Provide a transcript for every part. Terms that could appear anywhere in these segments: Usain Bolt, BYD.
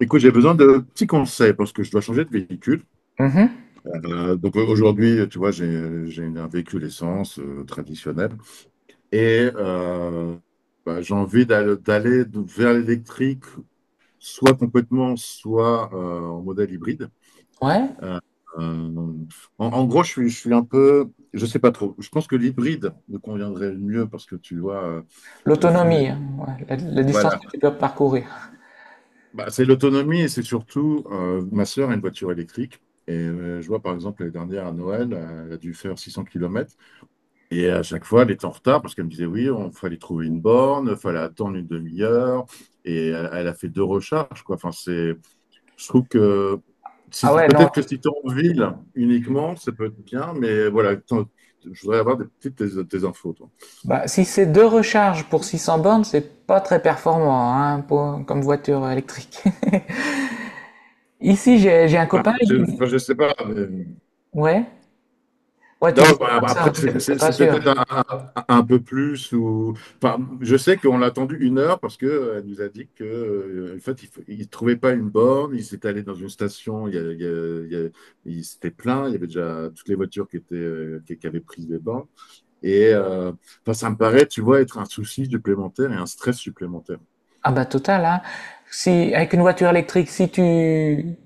Écoute, j'ai besoin de petits conseils parce que je dois changer de véhicule. Mhm. Donc aujourd'hui, tu vois, j'ai un véhicule essence traditionnel et bah, j'ai envie d'aller vers l'électrique, soit complètement, soit en modèle hybride. Ouais. Euh, euh, en gros, je suis un peu, je sais pas trop. Je pense que l'hybride me conviendrait le mieux parce que tu vois, le full, L'autonomie, hein, ouais, la distance voilà. que tu peux parcourir. Bah, c'est l'autonomie et c'est surtout, ma sœur a une voiture électrique. Et je vois par exemple l'année dernière à Noël, elle a dû faire 600 kilomètres. Et à chaque fois, elle était en retard parce qu'elle me disait, oui, on fallait trouver une borne, il fallait attendre une demi-heure. Et elle, elle a fait deux recharges, quoi. Enfin, c'est, je trouve que si, Ah ouais, non. peut-être que si tu es en ville uniquement, ça peut être bien. Mais voilà, je voudrais avoir des petites tes infos, toi. Bah, si c'est deux recharges pour 600 bornes, c'est pas très performant, hein, comme voiture électrique. Ici, j'ai un Bah, copain. je, enfin, je sais pas. Mais Ouais. Ouais, non, tu dis ça bah, comme après, ça, c'est t'es c'est- pas c'est sûr. peut-être un peu plus. Ou. Enfin, je sais qu'on l'a attendu une heure parce qu'elle nous a dit que, en fait, il ne trouvait pas une borne. Il s'est allé dans une station, il, y a- il, y a- il, y a- il s'était plaint. Il y avait déjà toutes les voitures qui, étaient, qui avaient pris des bornes. Et enfin, ça me paraît, tu vois, être un souci supplémentaire et un stress supplémentaire. Ah bah total, hein. Si, avec une voiture électrique, si tu...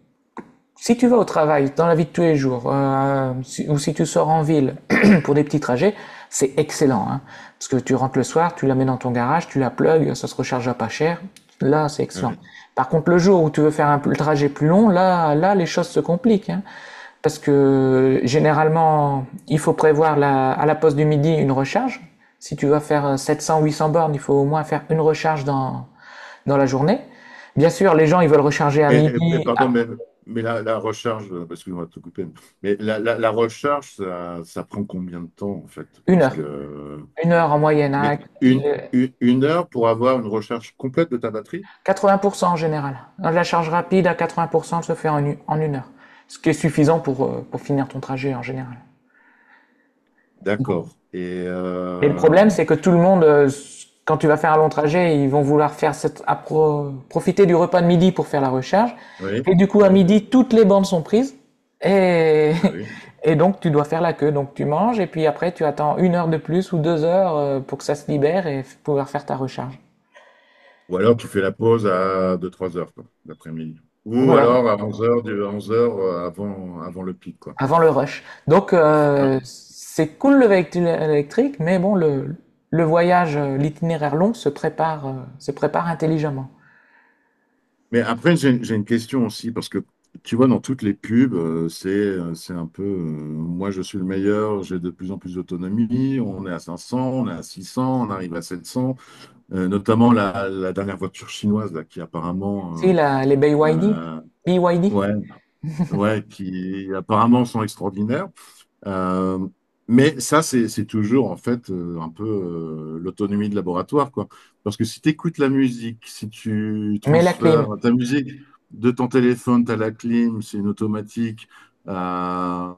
Si tu vas au travail, dans la vie de tous les jours, ou si tu sors en ville pour des petits trajets, c'est excellent, hein. Parce que tu rentres le soir, tu la mets dans ton garage, tu la plugs, ça se recharge à pas cher. Là, c'est excellent. Ouais. Par contre, le jour où tu veux faire un trajet plus long, là, là, les choses se compliquent, hein. Parce que généralement, il faut prévoir à la pause du midi une recharge. Si tu vas faire 700, 800 bornes, il faut au moins faire une recharge dans, dans la journée. Bien sûr, les gens, ils veulent recharger à Et midi, pardon, à mais, la recharge, parce qu'on va tout couper, mais la recharge, ça prend combien de temps en fait? une Parce que heure. Une heure en moyenne, hein, mais avec une, le- une, une heure pour avoir une recherche complète de ta batterie? 80% en général. La charge rapide à 80% se fait en, en une heure, ce qui est suffisant pour finir ton trajet en général. D'accord. Et Et le problème, c'est que tout le monde, quand tu vas faire un long trajet, ils vont vouloir faire cette, profiter du repas de midi pour faire la recharge. oui, Et du coup, à oui, midi, toutes les bandes sont prises. Et, bah oui. et donc, tu dois faire la queue. Donc, tu manges et puis après, tu attends une heure de plus ou deux heures pour que ça se libère et pouvoir faire ta recharge. Ou alors tu fais la pause à deux trois heures, quoi, l'après-midi. Ou alors Voilà. à 11 heures, 11 heures avant le pic, quoi. Avant le rush. Donc, Ouais. c'est cool le véhicule électrique, mais bon, le voyage, l'itinéraire long se prépare intelligemment. Mais après, j'ai une question aussi, parce que tu vois, dans toutes les pubs, c'est un peu moi je suis le meilleur, j'ai de plus en plus d'autonomie, on est à 500, on est à 600, on arrive à 700. Notamment la dernière voiture chinoise là, qui Si, apparemment la, les BYD, euh, euh, BYD, ouais, ouais, qui apparemment sont extraordinaires. Euh, mais ça c'est toujours en fait un peu l'autonomie de laboratoire quoi, parce que si tu écoutes la musique, si tu mets la transfères clim, ta musique de ton téléphone à la clim c'est une automatique euh,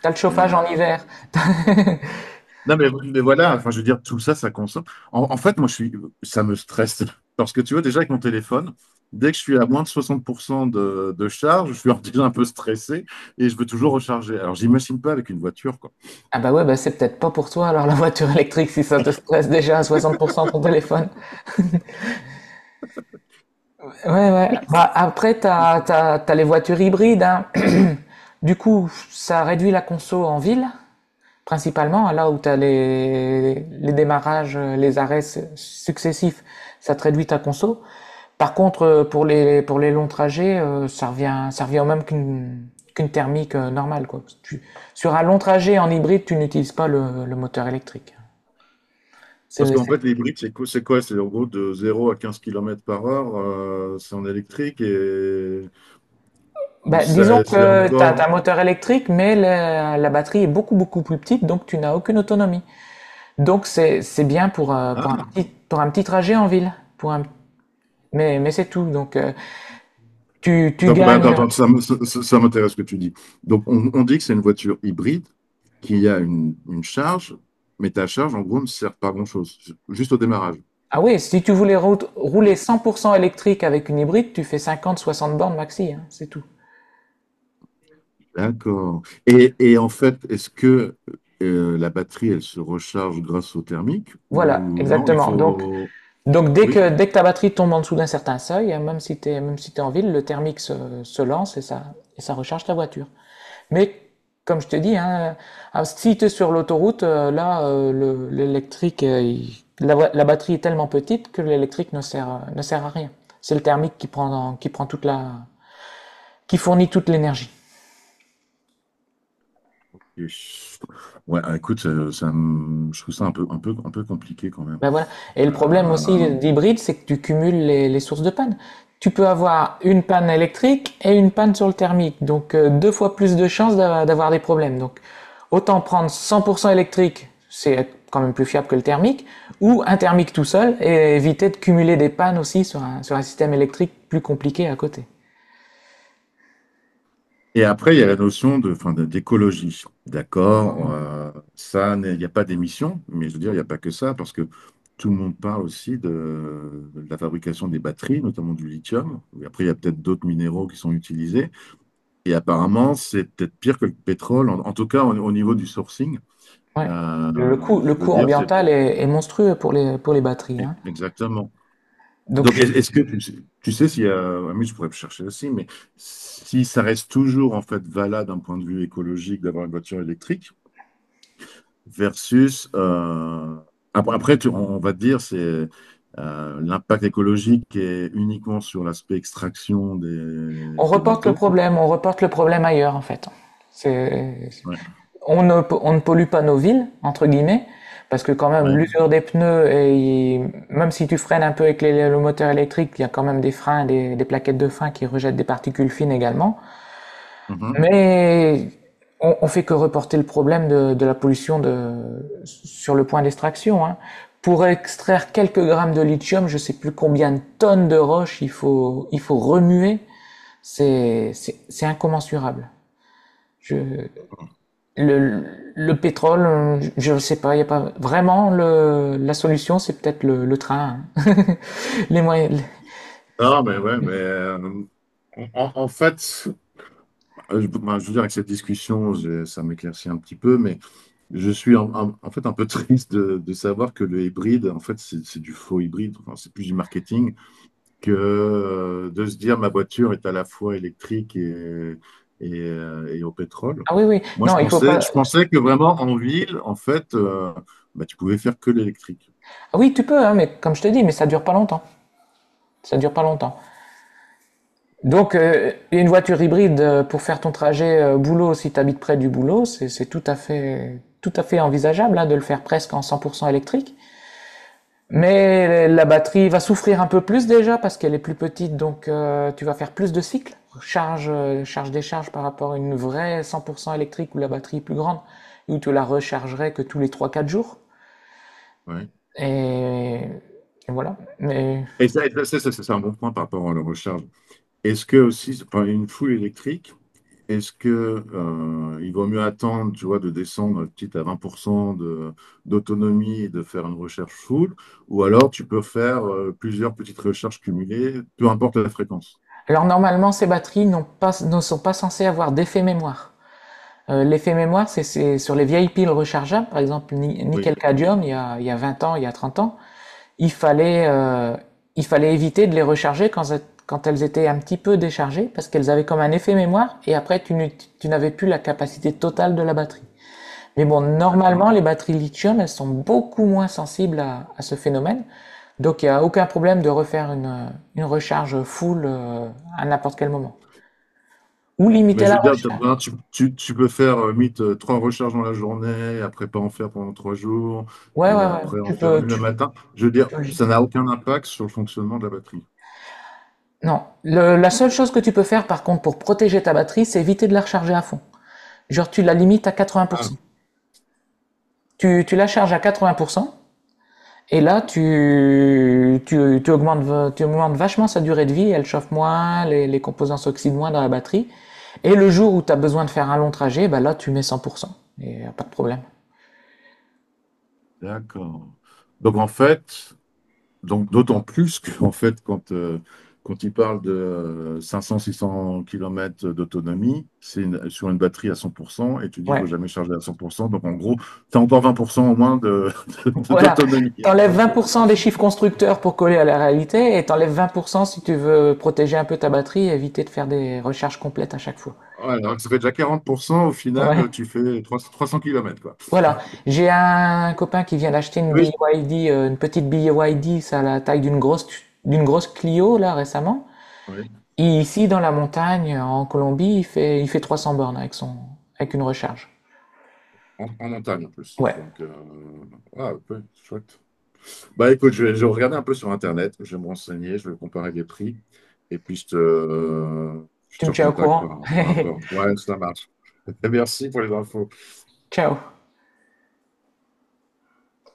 t'as le et, chauffage en hiver. non, mais voilà, enfin, je veux dire, tout ça, ça consomme. En fait, moi, je suis, ça me stresse. Parce que tu vois, déjà, avec mon téléphone, dès que je suis à moins de 60% de charge, je suis déjà un peu stressé et je veux toujours recharger. Alors, j'imagine pas avec une voiture, quoi. Ah bah ouais, bah c'est peut-être pas pour toi alors la voiture électrique si ça te stresse déjà à 60% ton téléphone. Ouais, ouais. Bah après, t'as les voitures hybrides, hein. Du coup, ça réduit la conso en ville, principalement, hein, là où tu as les démarrages, les arrêts successifs, ça te réduit ta conso. Par contre, pour les longs trajets, ça revient au même qu'une qu'une thermique normale, quoi. Sur un long trajet en hybride, tu n'utilises pas le, le moteur électrique. Parce C'est, qu'en c'est- fait, l'hybride, c'est quoi? C'est quoi? C'est en gros de zéro à 15 kilomètres par heure, c'est en électrique et, ou Bah, disons ça, c'est que tu as, un encore. moteur électrique, mais la batterie est beaucoup, beaucoup plus petite, donc tu n'as aucune autonomie. Donc c'est bien Hein. Pour un petit trajet en ville, pour un, mais c'est tout. Donc, tu, tu Donc, bah, gagnes. attends, Voilà. attends, ça, me- ça- ça- ça m'intéresse ce que tu dis. Donc, on dit que c'est une voiture hybride qui a une charge, mais ta charge, en gros, ne sert pas à grand-chose, juste au démarrage. Ah oui, si tu voulais rouler 100% électrique avec une hybride, tu fais 50-60 bornes maxi, hein, c'est tout. D'accord. Et en fait, est-ce que la batterie, elle se recharge grâce au thermique ou Voilà, non, il exactement. Faut. Donc Oui. Dès que ta batterie tombe en dessous d'un certain seuil, hein, même si tu es en ville, le thermique se lance et ça recharge ta voiture. Mais comme je te dis, hein, ah, si tu es sur l'autoroute, là, l'électrique, la batterie est tellement petite que l'électrique ne sert à rien. C'est le thermique qui prend toute la, qui fournit toute l'énergie. Et- Ouais, écoute, je trouve ça un peu compliqué quand même. Ben voilà. Et le problème aussi Euh, d'hybride, c'est que tu cumules les sources de panne. Tu peux avoir une panne électrique et une panne sur le thermique. Donc, deux fois plus de chances d'avoir des problèmes. Donc, autant prendre 100% électrique, c'est quand même plus fiable que le thermique, ou un thermique tout seul et éviter de cumuler des pannes aussi sur un système électrique plus compliqué à côté. Et après, il y a la notion enfin, d'écologie. D'accord, ça, n'est- il n'y a pas d'émission, mais je veux dire, il n'y a pas que ça, parce que tout le monde parle aussi de la fabrication des batteries, notamment du lithium. Et après, il y a peut-être d'autres minéraux qui sont utilisés. Et apparemment, c'est peut-être pire que le pétrole, en tout cas au niveau du sourcing. Ouais. Le coût, Je le veux coût dire, c'est ambiental est monstrueux pour les batteries, hein. exactement. Donc, Donc, est-ce que tu sais s'il y a, ah, mais je pourrais chercher aussi, mais si ça reste toujours en fait valable d'un point de vue écologique d'avoir une voiture électrique, versus après, on va te dire c'est l'impact écologique est uniquement sur l'aspect extraction des, on des reporte le métaux. problème, on reporte le problème ailleurs, en fait. C'est, Ouais, on ne pollue pas nos villes, entre guillemets, parce que quand même ouais, l'usure des pneus, et même si tu freines un peu avec le moteur électrique, il y a quand même des freins, des plaquettes de frein qui rejettent des particules fines également. mhm. Mais on fait que reporter le problème de la pollution de, sur le point d'extraction, hein. Pour extraire quelques grammes de lithium, je sais plus combien de tonnes de roches il faut remuer, c'est incommensurable. Je, le pétrole, je ne sais pas, il n'y a pas vraiment le, la solution, c'est peut-être le train. Hein. Les moyens. Non, mais ouais, mais en fait, ben, je veux dire, avec cette discussion, ça m'éclaircit un petit peu, mais je suis en fait un peu triste de savoir que le hybride, en fait, c'est du faux hybride, enfin, c'est plus du marketing que de se dire ma voiture est à la fois électrique et au pétrole. Ah oui, oui. Moi, je Non, il faut pensais, pas. je pensais que vraiment en ville, en fait, bah, tu pouvais faire que l'électrique. Ah oui, tu peux, hein, mais comme je te dis, mais ça dure pas longtemps. Ça dure pas longtemps. Donc, une voiture hybride pour faire ton trajet boulot, si tu habites près du boulot, c'est tout à fait envisageable, hein, de le faire presque en 100% électrique. Mais la batterie va souffrir un peu plus déjà parce qu'elle est plus petite, donc tu vas faire plus de cycles, charge, charge décharge par rapport à une vraie 100% électrique où la batterie est plus grande, où tu la rechargerais que tous les trois-quatre jours. Ouais. Et, et voilà. Mais... Et ça, c'est un bon point par rapport à la recharge. Est-ce que aussi, enfin, une foule électrique, est-ce que il vaut mieux attendre, tu vois, de descendre petit à 20% d'autonomie et de faire une recherche full, ou alors tu peux faire plusieurs petites recherches cumulées, peu importe la fréquence. Alors normalement, ces batteries n'ont pas, ne sont pas censées avoir d'effet mémoire. L'effet mémoire, c'est sur les vieilles piles rechargeables, par exemple Oui, oui. nickel-cadmium, il y a 20 ans, il y a 30 ans. Il fallait, euh, il fallait éviter de les recharger quand, quand elles étaient un petit peu déchargées parce qu'elles avaient comme un effet mémoire et après tu n'avais plus la capacité totale de la batterie. Mais bon, D'accord. normalement, les batteries lithium, elles sont beaucoup moins sensibles à ce phénomène. Donc il n'y a aucun problème de refaire une recharge full à n'importe quel moment. Ou Mais limiter je la veux dire, t'as recharge. besoin- tu- tu peux faire limite trois recharges dans la journée, après pas en faire pendant trois jours, Ouais, ouais, et ouais. après en faire une le matin. Je veux Tu dire, peux. ça n'a aucun impact sur le fonctionnement de la batterie. Non. La seule chose que tu peux faire, par contre, pour protéger ta batterie, c'est éviter de la recharger à fond. Genre, tu la limites à Ah, 80%. Tu la charges à 80%, et là, augmentes, tu augmentes vachement sa durée de vie, elle chauffe moins, les composants s'oxydent moins dans la batterie. Et le jour où tu as besoin de faire un long trajet, bah là, tu mets 100%. Et y a pas de problème. d'accord. Donc en fait, donc d'autant plus qu'en fait, quand il parle de 500-600 kilomètres d'autonomie, sur une batterie à 100%, et tu dis qu'il ne Ouais. faut jamais charger à 100%. Donc en gros, tu as encore 20% au moins Voilà. d'autonomie. T'enlèves 20% des chiffres constructeurs pour coller à la réalité et t'enlèves 20% si tu veux protéger un peu ta batterie et éviter de faire des recharges complètes à chaque fois. Ouais, donc ça fait déjà 40%. Au Ouais. final, tu fais trois cents kilomètres quoi. Voilà, j'ai un copain qui vient d'acheter une Oui. BYD, une petite BYD, ça a la taille d'une grosse Clio là récemment. Oui, Et ici dans la montagne en Colombie, il fait 300 bornes avec son avec une recharge. en montagne en plus. Ouais, Donc, ah, un peu chouette. Bah écoute, je vais regarder un peu sur Internet, je vais me renseigner, je vais comparer les prix, et puis je te, euh, je tu te me tiens au recontacte courant. par rapport. Ouais, ça marche. Merci pour les infos. Ciao.